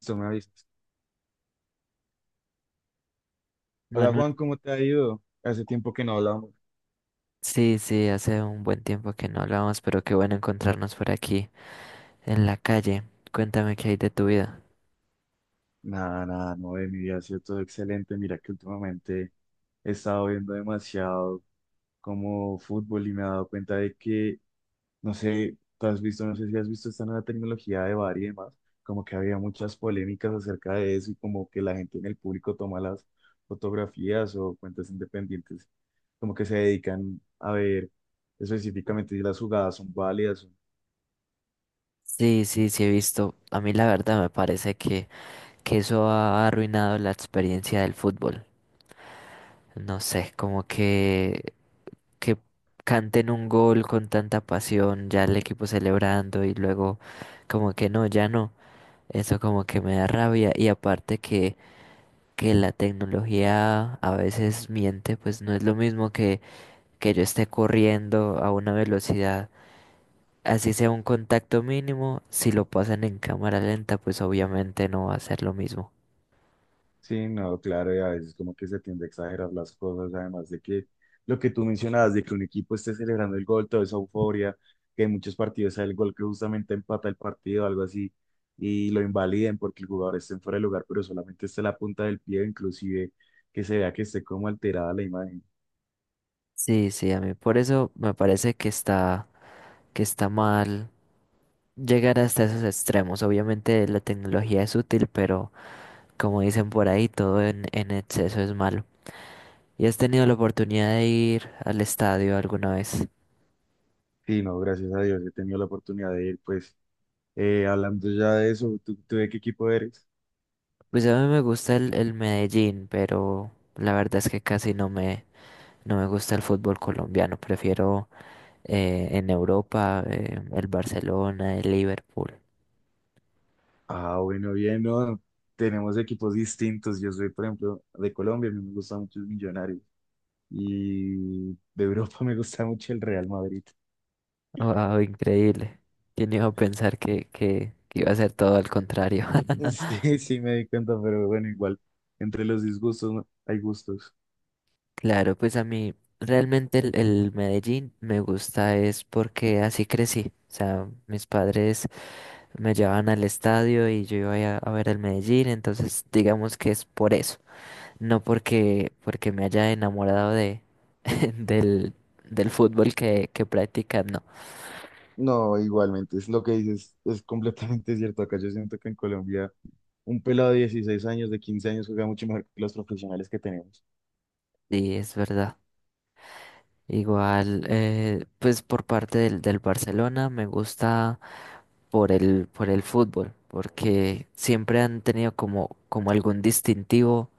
Listo, me avisas. Hola Bueno, Juan, ¿cómo te ha ido? Hace tiempo que no hablamos. sí, sí, hace un buen tiempo que no hablamos, pero qué bueno encontrarnos por aquí en la calle. Cuéntame qué hay de tu vida. Nada, nada, no, de mi vida ha sido todo excelente. Mira que últimamente he estado viendo demasiado como fútbol y me he dado cuenta de que, no sé, tú has visto, no sé si has visto esta nueva tecnología de VAR y demás, como que había muchas polémicas acerca de eso y como que la gente en el público toma las fotografías o cuentas independientes, como que se dedican a ver específicamente si las jugadas son válidas. Sí, sí, sí he visto. A mí la verdad me parece que eso ha arruinado la experiencia del fútbol. No sé, que canten un gol con tanta pasión, ya el equipo celebrando y luego como que no, ya no. Eso como que me da rabia y aparte que la tecnología a veces miente, pues no es lo mismo que yo esté corriendo a una velocidad, así sea un contacto mínimo, si lo pasan en cámara lenta, pues obviamente no va a ser lo mismo. Sí, no, claro, y a veces como que se tiende a exagerar las cosas, además de que lo que tú mencionabas, de que un equipo esté celebrando el gol, toda esa euforia, que en muchos partidos sale el gol que justamente empata el partido, algo así, y lo invaliden porque el jugador esté en fuera de lugar, pero solamente esté la punta del pie, inclusive que se vea que esté como alterada la imagen. Sí, sí, a mí por eso me parece que está mal llegar hasta esos extremos. Obviamente la tecnología es útil, pero como dicen por ahí, todo en exceso es malo. ¿Y has tenido la oportunidad de ir al estadio alguna vez? Sí, no, gracias a Dios he tenido la oportunidad de ir, pues, hablando ya de eso, ¿tú ¿de qué equipo eres? Pues a mí me gusta el Medellín, pero la verdad es que casi no me, no me gusta el fútbol colombiano, prefiero en Europa el Barcelona, el Liverpool. Ah, bueno, bien, no. Tenemos equipos distintos. Yo soy, por ejemplo, de Colombia, a mí me gusta mucho el Millonarios. Y de Europa me gusta mucho el Real Madrid. Wow, increíble. ¿Quién iba a pensar que iba a ser todo al contrario? Sí, sí, me di cuenta, pero bueno, igual, entre los disgustos, ¿no?, hay gustos. Claro, pues a mí realmente el Medellín me gusta es porque así crecí. O sea, mis padres me llevaban al estadio y yo iba a ver el Medellín, entonces digamos que es por eso. No porque me haya enamorado del, del fútbol que practican, no. No, igualmente, es lo que dices, es completamente cierto. Acá yo siento que en Colombia un pelado de 16 años, de 15 años, juega mucho mejor que los profesionales que tenemos. Sí, es verdad. Igual, pues por parte del Barcelona me gusta por por el fútbol, porque siempre han tenido como algún distintivo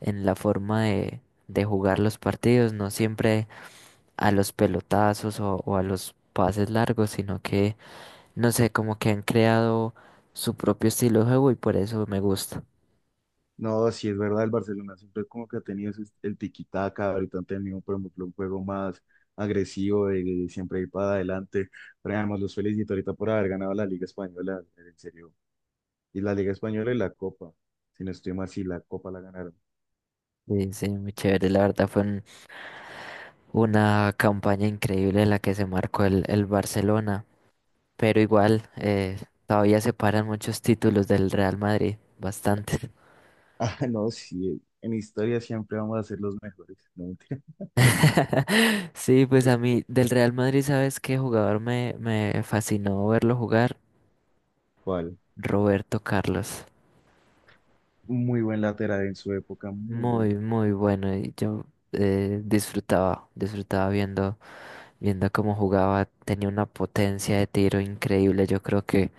en la forma de jugar los partidos, no siempre a los pelotazos o a los pases largos, no sé, como que han creado su propio estilo de juego y por eso me gusta. No, sí es verdad, el Barcelona siempre como que ha tenido el tiki-taka. Ahorita han tenido, por ejemplo, un juego más agresivo, de siempre ir para adelante, pero además los felicito ahorita por haber ganado la Liga Española, en serio, y la Liga Española y la Copa, si no estoy mal, sí, la Copa la ganaron. Sí, sí, muy chévere. La verdad fue un- Una campaña increíble la que se marcó el Barcelona, pero igual todavía separan muchos títulos del Real Madrid, bastante. Ah, no, sí, en historia siempre vamos a ser los mejores, no mentira. Sí, pues a mí del Real Madrid, ¿sabes qué jugador me fascinó verlo jugar? ¿Cuál? Roberto Carlos. Muy buen lateral en su época, muy bueno. Muy bueno. Y yo disfrutaba viendo cómo jugaba. Tenía una potencia de tiro increíble. Yo creo que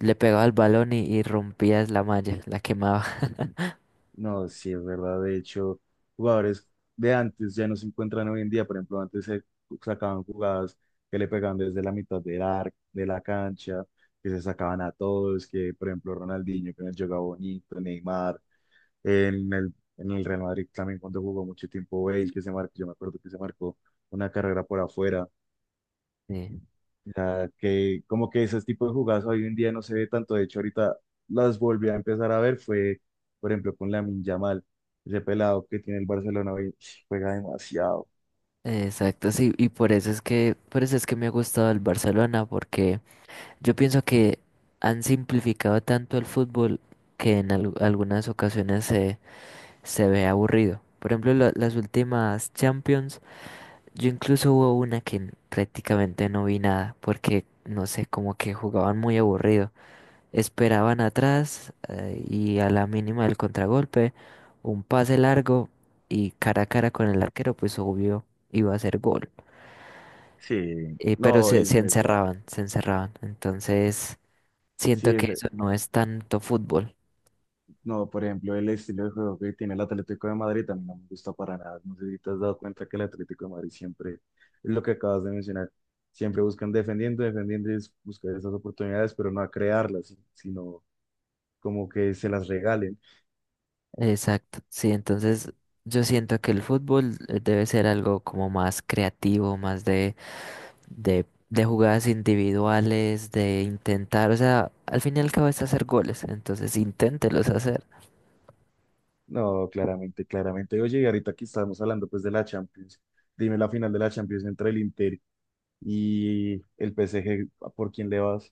le pegaba el balón y rompías la malla, la quemaba. No, sí, es verdad. De hecho, jugadores de antes ya no se encuentran hoy en día. Por ejemplo, antes se sacaban jugadas que le pegaban desde la mitad del arco, de la cancha, que se sacaban a todos, que por ejemplo Ronaldinho, que nos jugaba bonito, Neymar, en el Real Madrid también cuando jugó mucho tiempo Bale, que se marcó, yo me acuerdo que se marcó una carrera por afuera. Sí. Ya que como que ese tipo de jugadas hoy en día no se ve tanto, de hecho ahorita las volví a empezar a ver, fue por ejemplo con Lamine Yamal, ese pelado que tiene el Barcelona hoy, juega demasiado. Exacto, sí, y por eso es que me ha gustado el Barcelona, porque yo pienso que han simplificado tanto el fútbol que en algunas ocasiones se ve aburrido. Por ejemplo, las últimas Champions, yo incluso hubo una que prácticamente no vi nada, porque no sé, como que jugaban muy aburrido. Esperaban atrás y a la mínima del contragolpe, un pase largo y cara a cara con el arquero, pues obvio iba a ser gol. Sí, Pero no, es se verdad. encerraban, se encerraban. Entonces, Sí, siento que es, eso no es tanto fútbol. no, por ejemplo, el estilo de juego que tiene el Atlético de Madrid a mí no me gusta para nada. No sé si te has dado cuenta que el Atlético de Madrid siempre, es lo que acabas de mencionar, siempre buscan defendiendo, defendiendo y es buscar esas oportunidades, pero no a crearlas, sino como que se las regalen. Exacto, sí, entonces yo siento que el fútbol debe ser algo como más creativo, más de jugadas individuales, de intentar, o sea, al fin y al cabo es hacer goles, entonces inténtelos hacer. No, claramente, claramente. Oye, y ahorita aquí estamos hablando pues de la Champions, dime la final de la Champions entre el Inter y el PSG, ¿por quién le vas?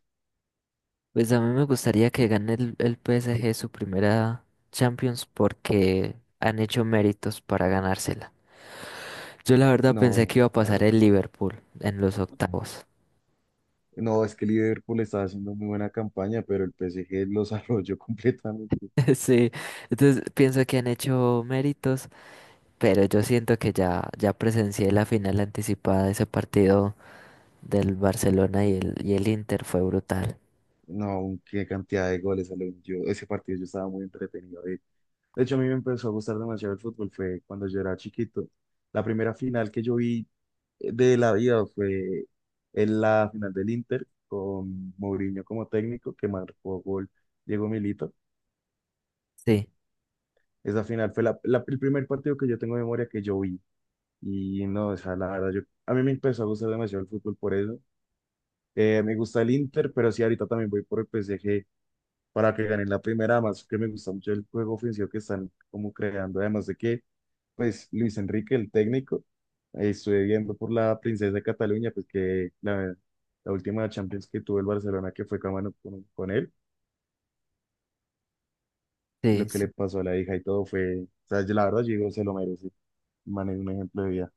Pues a mí me gustaría que gane el PSG su primera Champions porque han hecho méritos para ganársela. Yo la verdad pensé que No, iba a pasar claro. el Liverpool en los octavos. No, es que Liverpool está haciendo muy buena campaña, pero el PSG los arrolló completamente. Sí, entonces pienso que han hecho méritos, pero yo siento que ya presencié la final anticipada de ese partido del Barcelona y el Inter, fue brutal. No, qué cantidad de goles salieron. Yo, ese partido yo estaba muy entretenido. De hecho, a mí me empezó a gustar demasiado el fútbol, fue cuando yo era chiquito. La primera final que yo vi de la vida fue en la final del Inter con Mourinho como técnico, que marcó gol Diego Milito. Sí, Esa final fue el primer partido que yo tengo en memoria que yo vi. Y no, o sea, la verdad, yo, a mí me empezó a gustar demasiado el fútbol por eso. Me gusta el Inter, pero sí, ahorita también voy por el PSG para que ganen la primera, más que me gusta mucho el juego ofensivo que están como creando, además de que pues Luis Enrique, el técnico, estuve viendo por la Princesa de Cataluña, pues que la última Champions que tuvo el Barcelona, que fue mano con él, y sí, lo que le sí, pasó a la hija y todo fue, o sea, yo la verdad, yo digo, se lo merece, el man es un ejemplo de vida.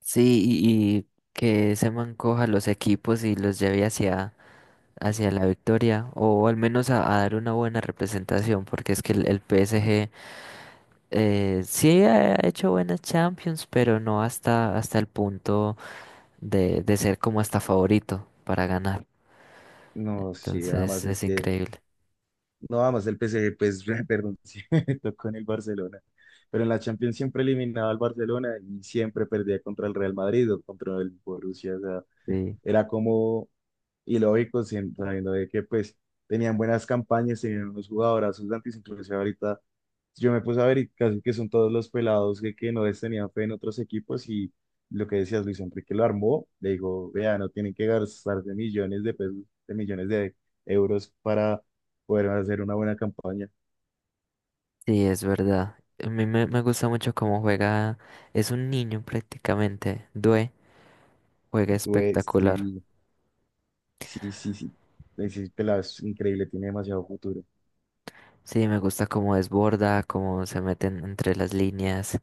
sí, y que se mancoja los equipos y los lleve hacia la victoria o al menos a dar una buena representación, porque es que el PSG sí ha hecho buenas Champions, pero no hasta el punto de ser como hasta favorito para ganar. No, sí, Entonces además es increíble. no, además el PSG, pues, perdón, sí, tocó en el Barcelona, pero en la Champions siempre eliminaba al Barcelona y siempre perdía contra el Real Madrid o contra el Borussia, o sea, Sí, era como. Y lógico, sabiendo de que pues tenían buenas campañas, tenían unos jugadorazos de antes, inclusive ahorita yo me puse a ver y casi que son todos los pelados que no les tenían fe en otros equipos, y lo que decías Luis Enrique lo armó, le dijo, vea, no tienen que gastarse millones de pesos, de millones de euros para poder hacer una buena campaña. sí, es verdad. A mí me gusta mucho cómo juega, es un niño prácticamente, Due, juega Güey, espectacular. Sí, Ese pelado es increíble, tiene demasiado futuro. Sí, me gusta cómo desborda, cómo se meten entre las líneas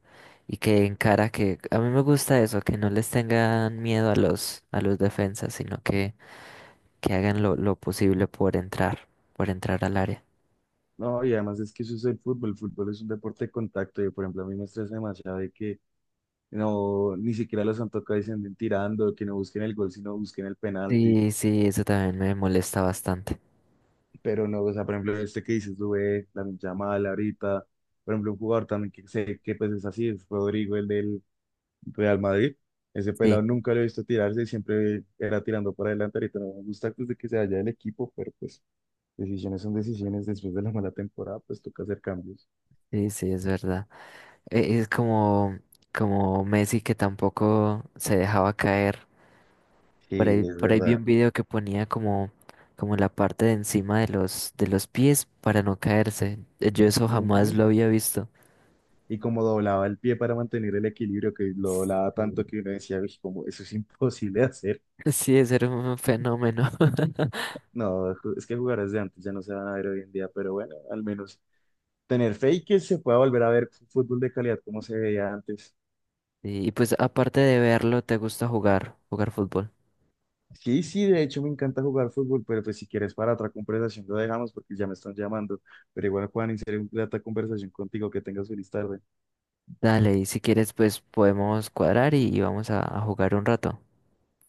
y que encara que a mí me gusta eso, que no les tengan miedo a los defensas, sino que hagan lo posible por entrar al área. No, y además es que eso es el fútbol es un deporte de contacto, y por ejemplo a mí me estresa demasiado de que no, ni siquiera los han tocado y se anden tirando, que no busquen el gol, sino busquen el penalti. Sí, sí, eso también me molesta bastante. Pero no, o sea, por ejemplo, este que dices, Dubé, la Yamal, ahorita, por ejemplo, un jugador también que sé que pues es así, es Rodrigo, el del Real Madrid. Ese pelado Sí, nunca lo he visto tirarse, siempre era tirando para adelante. Ahorita no me gusta pues, de que se vaya del equipo, pero pues decisiones son decisiones. Después de la mala temporada, pues toca hacer cambios. sí, sí, es verdad. Es como como Messi que tampoco se dejaba caer. Sí, es Por ahí vi verdad. un video que ponía como la parte de encima de de los pies para no caerse. Yo eso jamás Ujú. lo había visto. Y como doblaba el pie para mantener el equilibrio, que lo doblaba Sí. tanto que uno decía, "Uy, como eso es imposible de hacer". Sí, ese era un fenómeno. No, es que jugadores de antes ya no se van a ver hoy en día, pero bueno, al menos tener fe y que se pueda volver a ver fútbol de calidad como se veía antes. Y, y pues aparte de verlo, ¿te gusta jugar, jugar fútbol? Sí, sí, de hecho me encanta jugar fútbol, pero pues si quieres para otra conversación lo dejamos porque ya me están llamando. Pero igual, Juan, iniciar una grata conversación contigo, que tengas feliz tarde. Dale, y si quieres, pues podemos cuadrar y vamos a jugar un rato.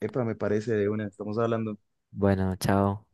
Epa, me parece de una, estamos hablando. Bueno, chao.